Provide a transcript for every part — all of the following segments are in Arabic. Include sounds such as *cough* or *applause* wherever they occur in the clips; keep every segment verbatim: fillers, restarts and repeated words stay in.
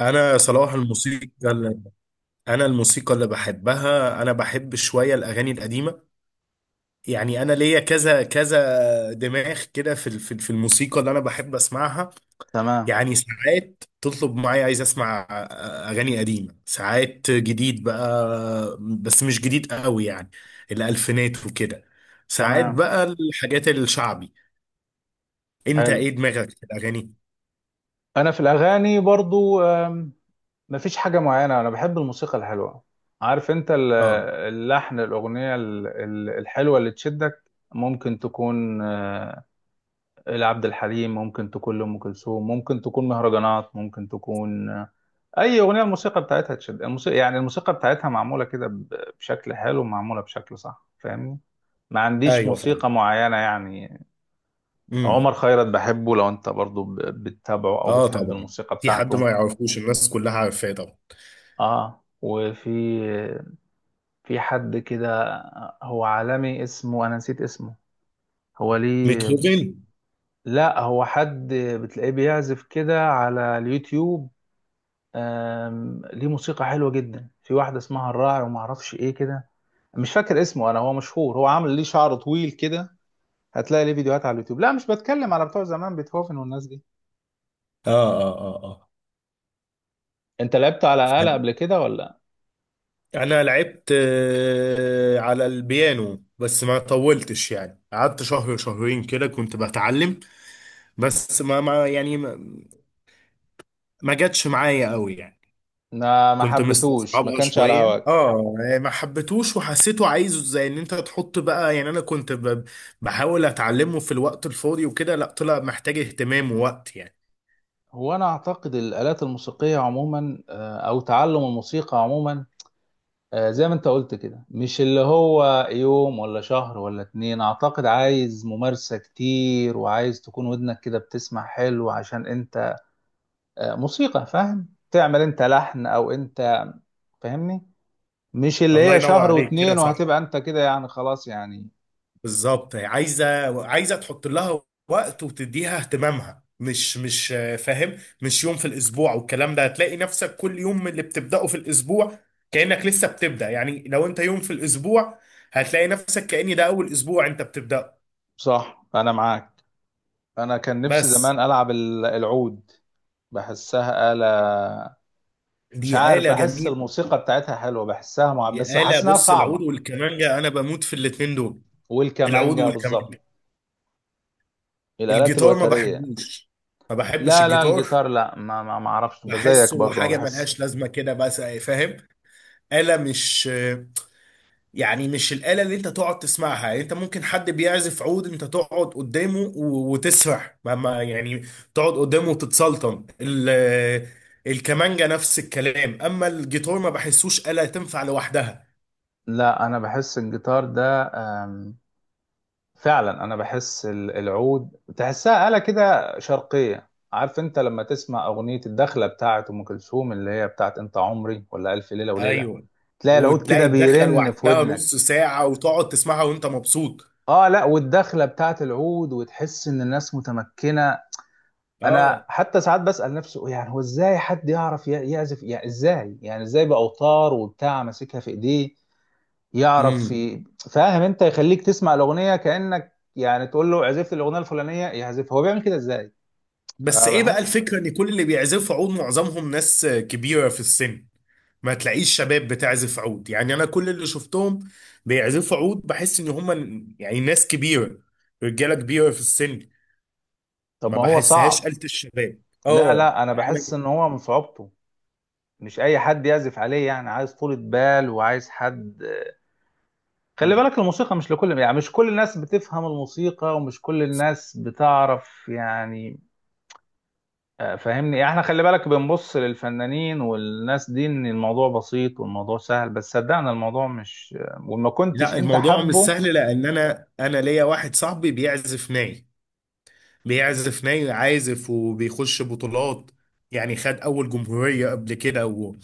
انا صراحه الموسيقى اللي انا الموسيقى اللي بحبها، انا بحب شويه الاغاني القديمه. يعني انا ليا كذا كذا دماغ كده في ال- في ال- في الموسيقى اللي انا بحب اسمعها. تمام. يعني ساعات تطلب معايا، عايز اسمع آه، اغاني قديمه، ساعات جديد بقى بس مش جديد قوي يعني، الالفينات وكده. ساعات تمام. بقى الحاجات الشعبي. انت حلو. ايه دماغك في الاغاني؟ انا في الاغاني برضو، آم، مفيش حاجه معينه. انا بحب الموسيقى الحلوه. عارف انت ال- اه. اللحن، الاغنيه ال- ال- الحلوه اللي تشدك، ممكن تكون آه، لعبد الحليم، ممكن تكون لام كلثوم، ممكن تكون مهرجانات، ممكن تكون آه، اي اغنيه الموسيقى بتاعتها تشد. الموسيقى، يعني الموسيقى بتاعتها معموله كده ب- بشكل حلو، معموله بشكل صح، فاهمني؟ ما عنديش ايوه فعلا. موسيقى معينه يعني. امم عمر خيرت بحبه، لو انت برضو ب- بتتابعه او اه بتحب طبعا. الموسيقى في حد بتاعته. ما يعرفوش، الناس كلها عارفاه طبعا. اه، وفي في حد كده، هو عالمي، اسمه انا نسيت اسمه، هو ليه. بيتهوفن. لا، هو حد بتلاقيه بيعزف كده على اليوتيوب. آم، ليه موسيقى حلوة جدا، في واحدة اسمها الراعي وما اعرفش ايه كده. مش فاكر اسمه انا، هو مشهور، هو عامل ليه شعر طويل كده. هتلاقي ليه فيديوهات على اليوتيوب. لا، مش بتكلم على بتوع زمان بيتهوفن والناس دي. اه اه اه اه. انت لعبت على آلة قبل كده ولا؟ انا لعبت آه، على البيانو بس ما طولتش، يعني قعدت شهر شهرين كده كنت بتعلم. بس ما ما يعني ما, ما جاتش معايا قوي يعني. ما ما كنت حبيتوش، ما مستصعبها كانش على شوية هواك؟ اه، يعني ما حبيتوش، وحسيته عايزه زي ان انت تحط بقى، يعني انا كنت ب- بحاول اتعلمه في الوقت الفاضي وكده، لا طلع محتاج اهتمام ووقت يعني. هو انا اعتقد الالات الموسيقيه عموما، آه، او تعلم الموسيقى عموما، آه، زي ما انت قلت كده، مش اللي هو يوم ولا شهر ولا اتنين، اعتقد عايز ممارسه كتير، وعايز تكون ودنك كده بتسمع حلو عشان انت آه، موسيقى، فاهم، تعمل انت لحن او انت، فاهمني؟ مش اللي الله هي ينور شهر عليك، كده واتنين صح وهتبقى انت كده يعني خلاص يعني. بالظبط. عايزه عايزه تحط لها وقت، وتديها اهتمامها، مش مش آه، فاهم، مش يوم في الاسبوع والكلام ده. هتلاقي نفسك كل يوم من اللي بتبداه في الاسبوع كانك لسه بتبدا، يعني لو انت يوم في الاسبوع هتلاقي نفسك كأن ده اول اسبوع انت بتبداه. صح، انا معاك. انا كان نفسي بس زمان العب ال- العود، بحسها آلة، مش دي عارف، آلة بحس جميلة. الموسيقى بتاعتها حلوة، بحسها مع... دي بس آلة، بحس إنها بص، العود صعبة. والكمانجة انا بموت في الاتنين دول. العود والكمانجا بالظبط، والكمانجة. الآلات الجيتار ما الوترية. بحبوش، ما بحبش لا، لا، الجيتار. الجيتار، لا، ما ما, ما أعرفش بزيك بحسه برضه، ما حاجة بحس. ملهاش لازمة كده، بس فاهم، آلة مش يعني، مش الآلة اللي انت تقعد تسمعها. يعني انت ممكن حد بيعزف عود، انت تقعد قدامه و- وتسرح، ما ما يعني تقعد قدامه وتتسلطن. ال- الكمانجة نفس الكلام، اما الجيتار ما بحسوش آلة تنفع لوحدها. لا، أنا بحس الجيتار ده، أم، فعلا أنا بحس ال- العود، تحسها آلة كده شرقية. عارف أنت لما تسمع أغنية الدخلة بتاعت أم كلثوم، اللي هي بتاعت أنت عمري ولا ألف ليلة وليلة، ايوه، تلاقي العود كده وتلاقي الدخلة بيرن في لوحدها ودنك. نص ساعة وتقعد تسمعها وانت مبسوط. اه، لا، والدخله بتاعت العود، وتحس ان الناس متمكنه. انا اه. حتى ساعات بسال نفسي، يعني هو ازاي حد يعرف ي- يعزف، يعني ازاي، يعني ازاي باوتار وبتاع، ماسكها في ايديه يعرف امم. في، فاهم انت، يخليك تسمع الاغنيه كانك، يعني تقول له عزفت الاغنيه الفلانيه يعزفها، هو بيعمل كده ازاي؟ بس ايه بقى فبحس. الفكرة، ان كل اللي بيعزفوا عود معظمهم ناس كبيرة في السن. ما تلاقيش شباب بتعزف عود، يعني انا كل اللي شفتهم بيعزفوا عود بحس ان هم، يعني، ناس كبيره، رجاله كبيره في السن. طب ما ما هو بحسهاش صعب. آلة الشباب لا، اه لا، انا بحس ان يعني. هو من صعوبته مش اي حد يعزف عليه يعني، عايز طولة بال وعايز حد. خلي مم. بالك الموسيقى مش لكل، يعني مش كل الناس بتفهم الموسيقى، ومش كل الناس بتعرف يعني. آه، فاهمني، يعني احنا خلي بالك بنبص للفنانين والناس دي ان الموضوع بسيط والموضوع سهل، بس صدقنا الموضوع مش، آه، وما كنتش لا انت الموضوع مش حبه. سهل، لان انا انا ليا واحد صاحبي بيعزف ناي، بيعزف ناي، عازف وبيخش بطولات، يعني خد اول جمهورية قبل كده و...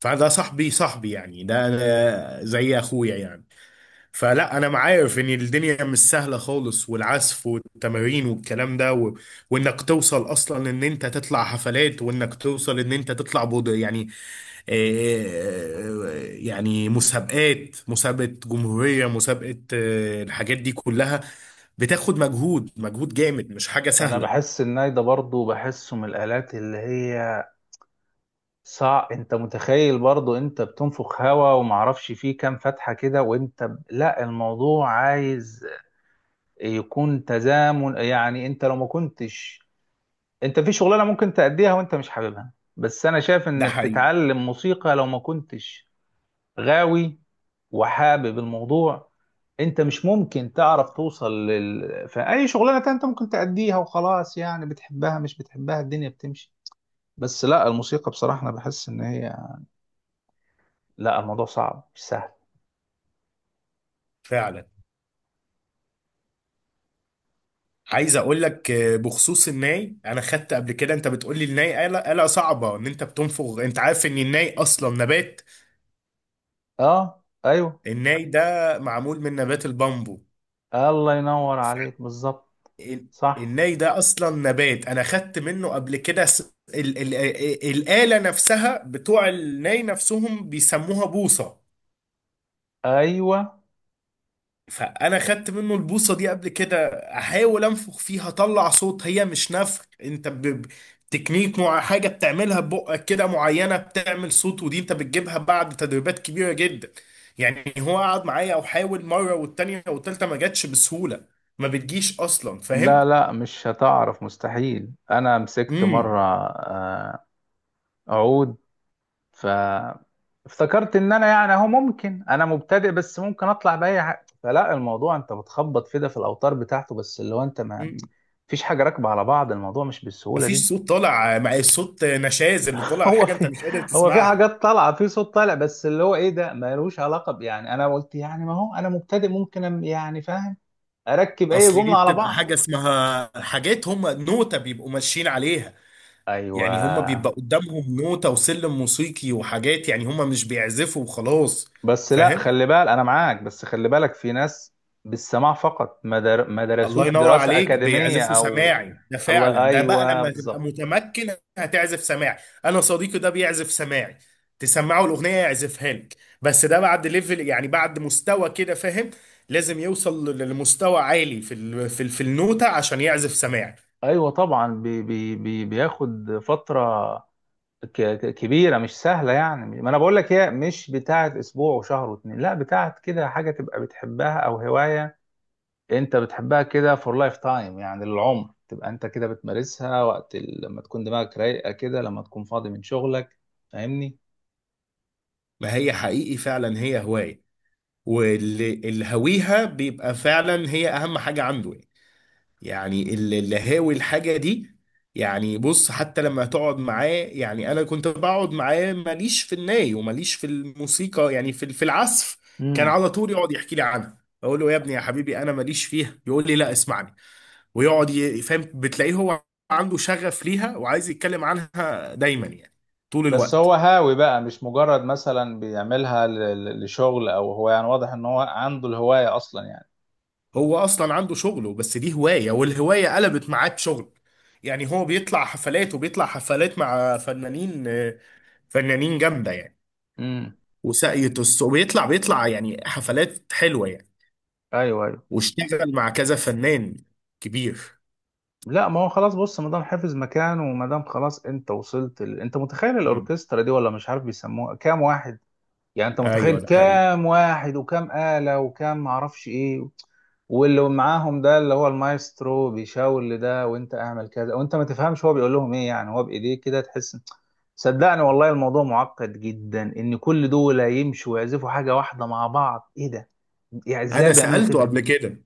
فده صاحبي، صاحبي يعني، ده أنا زي اخويا يعني. فلا انا عارف ان الدنيا مش سهله خالص، والعزف والتمارين والكلام ده و... وانك توصل اصلا ان انت تطلع حفلات، وانك توصل ان انت تطلع بود يعني، آه، يعني مسابقات، مسابقه جمهوريه، مسابقه، آه، الحاجات دي كلها بتاخد مجهود، مجهود جامد، مش حاجه انا سهله. بحس الناي ده برضه، بحسه من الالات اللي هي صعب. انت متخيل برضه انت بتنفخ هوا، ومعرفش فيه كام فتحة كده وانت ب... لا، الموضوع عايز يكون تزامن. يعني انت لو ما كنتش، انت في شغلانه ممكن تأديها وانت مش حاببها، بس انا شايف ده انك حقيقي تتعلم موسيقى، لو ما كنتش غاوي وحابب الموضوع، انت مش ممكن تعرف توصل لل... في اي شغلانه تانية انت ممكن تأديها وخلاص يعني، بتحبها مش بتحبها الدنيا بتمشي، بس لا، الموسيقى بصراحه انا بحس ان هي، لا، الموضوع صعب مش سهل. فعلا. عايز اقول لك آه، بخصوص الناي، انا خدت قبل كده، انت بتقول لي الناي آلة، آلة صعبة ان انت بتنفخ. انت عارف ان الناي اصلا نبات؟ اه، ايوه. الناي ده معمول من نبات البامبو. الله ينور ف- عليك بالظبط. ال- صح. الناي ده اصلا نبات، انا خدت منه قبل كده س... ال... ال... ال... الآلة نفسها، بتوع الناي نفسهم بيسموها بوصة. ايوه. فانا خدت منه البوصه دي قبل كده، احاول انفخ فيها اطلع صوت، هي مش نفخ، انت ب... ب- تكنيك، مع حاجه بتعملها ببقك كده معينه بتعمل صوت، ودي انت بتجيبها بعد تدريبات كبيره جدا. يعني هو قعد معايا او حاول مره والتانيه والتالته، ما جاتش بسهوله، ما بتجيش اصلا، فاهم. لا، لا، مش هتعرف، مستحيل. انا مسكت مره امم آه، عود، ف افتكرت ان انا يعني اهو، ممكن انا مبتدئ بس ممكن اطلع باي حاجه، فلا، الموضوع انت بتخبط كده في الاوتار بتاعته، بس اللي هو انت ما امم. فيش حاجه راكبه على بعض، الموضوع مش بالسهوله دي. مفيش صوت طالع، مع الصوت نشاز اللي *laughs* طالع، هو حاجه انت في مش قادر هو في تسمعها. حاجات طالعه، في صوت طالع، بس اللي هو ايه ده، ملوش علاقه ب- يعني انا قلت يعني ما هو انا مبتدئ، ممكن أم- يعني فاهم، اركب اي اصل دي جمله على بتبقى بعض. حاجه اسمها، حاجات هم نوتة بيبقوا ماشيين عليها، ايوه. يعني هم بيبقى قدامهم نوتة وسلم موسيقي وحاجات، يعني هم مش بيعزفوا وخلاص، بس لا، فاهم. خلي بالك انا معاك، بس خلي بالك في ناس بالسماع فقط، ما در... ما الله درسوش ينور دراسة عليك، أكاديمية بيعزفوا او. سماعي، ده الله، فعلا ده بقى ايوه، لما تبقى بالظبط. متمكن هتعزف سماعي. انا صديقي ده بيعزف سماعي، تسمعه الاغنيه يعزفها لك. بس ده بعد ليفل، يعني بعد مستوى كده، فاهم. لازم يوصل ل- لمستوى عالي في ال في ال في النوتة عشان يعزف سماعي. ايوه طبعا، بي... بي... بي... بياخد فترة ك... ك- كبيرة، مش سهلة، يعني ما انا بقول لك هي مش بتاعت اسبوع وشهر واتنين، لا، بتاعت كده، حاجة تبقى بتحبها او هواية، انت بتحبها كده for life time، يعني للعمر، تبقى انت كده بتمارسها وقت ال... لما تكون دماغك رايقة كده، لما تكون فاضي من شغلك، فاهمني؟ ما هي حقيقي، فعلا هي هواية. واللي اللي هويها بيبقى فعلا هي اهم حاجة عنده يعني. يعني اللي اللي هاوي الحاجة دي، يعني بص، حتى لما تقعد معاه، يعني انا كنت بقعد معاه ماليش في الناي وماليش في الموسيقى، يعني في في العزف. كان مم. على طول يقعد يحكي لي عنها، اقول له يا ابني يا حبيبي انا ماليش فيها، يقول لي لا اسمعني، ويقعد ي- فاهم، بتلاقيه هو عنده شغف ليها وعايز يتكلم عنها دايما يعني، طول بس الوقت. هو هاوي بقى، مش مجرد مثلا بيعملها ل- ل- لشغل، او هو، يعني واضح ان هو عنده الهواية اصلا يعني. هو اصلا عنده شغله، بس دي هواية والهواية قلبت معاه بشغل، يعني هو بيطلع حفلات، وبيطلع حفلات مع فنانين، آه، فنانين جامده يعني. امم. وساقية الصوت بيطلع، بيطلع يعني حفلات حلوه يعني. ايوه، ايوه. واشتغل مع كذا فنان كبير. لا، ما هو خلاص، بص، ما دام حافظ مكانه وما دام خلاص انت وصلت ال... انت متخيل مم. الاوركسترا دي، ولا مش عارف بيسموها كام واحد. يعني انت متخيل ايوه ده حقيقي. كام واحد، وكام آلة، وكام معرفش ايه، واللي معاهم ده اللي هو المايسترو، بيشاور لده وانت اعمل كذا، وانت ما تفهمش هو بيقول لهم ايه يعني، هو بايديه كده تحس. صدقني والله الموضوع معقد جدا، ان كل دول يمشوا ويعزفوا حاجه واحده مع بعض، ايه ده، يعني ازاي انا بيعملوا سالته كده. قبل كده،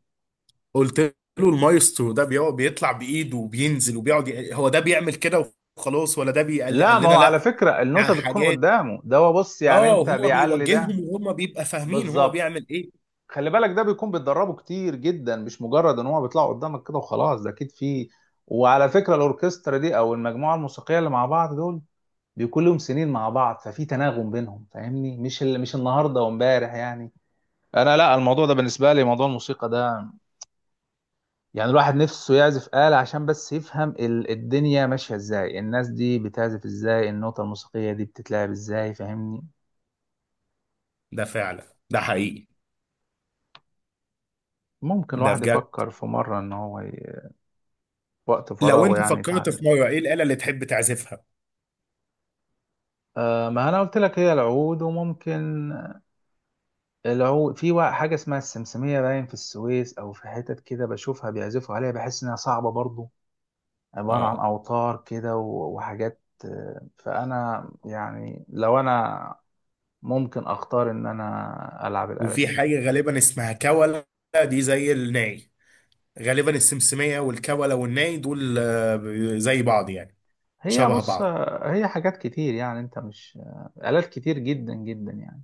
قلت له المايسترو ده بيقعد بيطلع بايده وبينزل وبيقعد ي- هو ده بيعمل كده وخلاص، ولا ده بي- قال لي- لا، قال ما لنا هو على لا، فكره ده النوتة بتكون حاجات. قدامه، ده هو بص، يعني اه، انت وهو بيعلي بيوجههم ده وهم بيبقى فاهمين هو بالظبط. بيعمل ايه. خلي بالك ده بيكون بيتدربوا كتير جدا، مش مجرد ان هو بيطلعوا قدامك كده وخلاص، ده اكيد فيه. وعلى فكره الاوركسترا دي، او المجموعه الموسيقيه اللي مع بعض دول، بيكون لهم سنين مع بعض، ففي تناغم بينهم، فاهمني؟ مش ال... مش النهارده وامبارح يعني. انا، لا، الموضوع ده بالنسبه لي، موضوع الموسيقى ده، يعني الواحد نفسه يعزف آلة عشان بس يفهم ال- الدنيا ماشية ازاي، الناس دي بتعزف ازاي، النوتة الموسيقية دي بتتلعب ازاي، فاهمني؟ ده فعلا، ده حقيقي، ممكن ده الواحد بجد. يفكر في مرة ان هو ي... وقت لو فراغه انت يعني فكرت في يتعلم. مره، ايه الاله اللي تحب تعزفها؟ آه، ما انا قلت لك هي العود، وممكن العود، في وا- حاجة اسمها السمسمية، باين في السويس او في حتت كده بشوفها بيعزفوا عليها، بحس انها صعبة برضو، عبارة عن اه. اوتار كده و- وحاجات، آه، فانا يعني لو انا ممكن اختار ان انا العب الآلة وفي دي. حاجة غالبا اسمها كولة، دي زي الناي، غالبا السمسمية والكولة والناي دول آه، زي بعض يعني، هي شبه بص، بعض. هي حاجات كتير، يعني انت مش، آلات كتير جدا جدا يعني.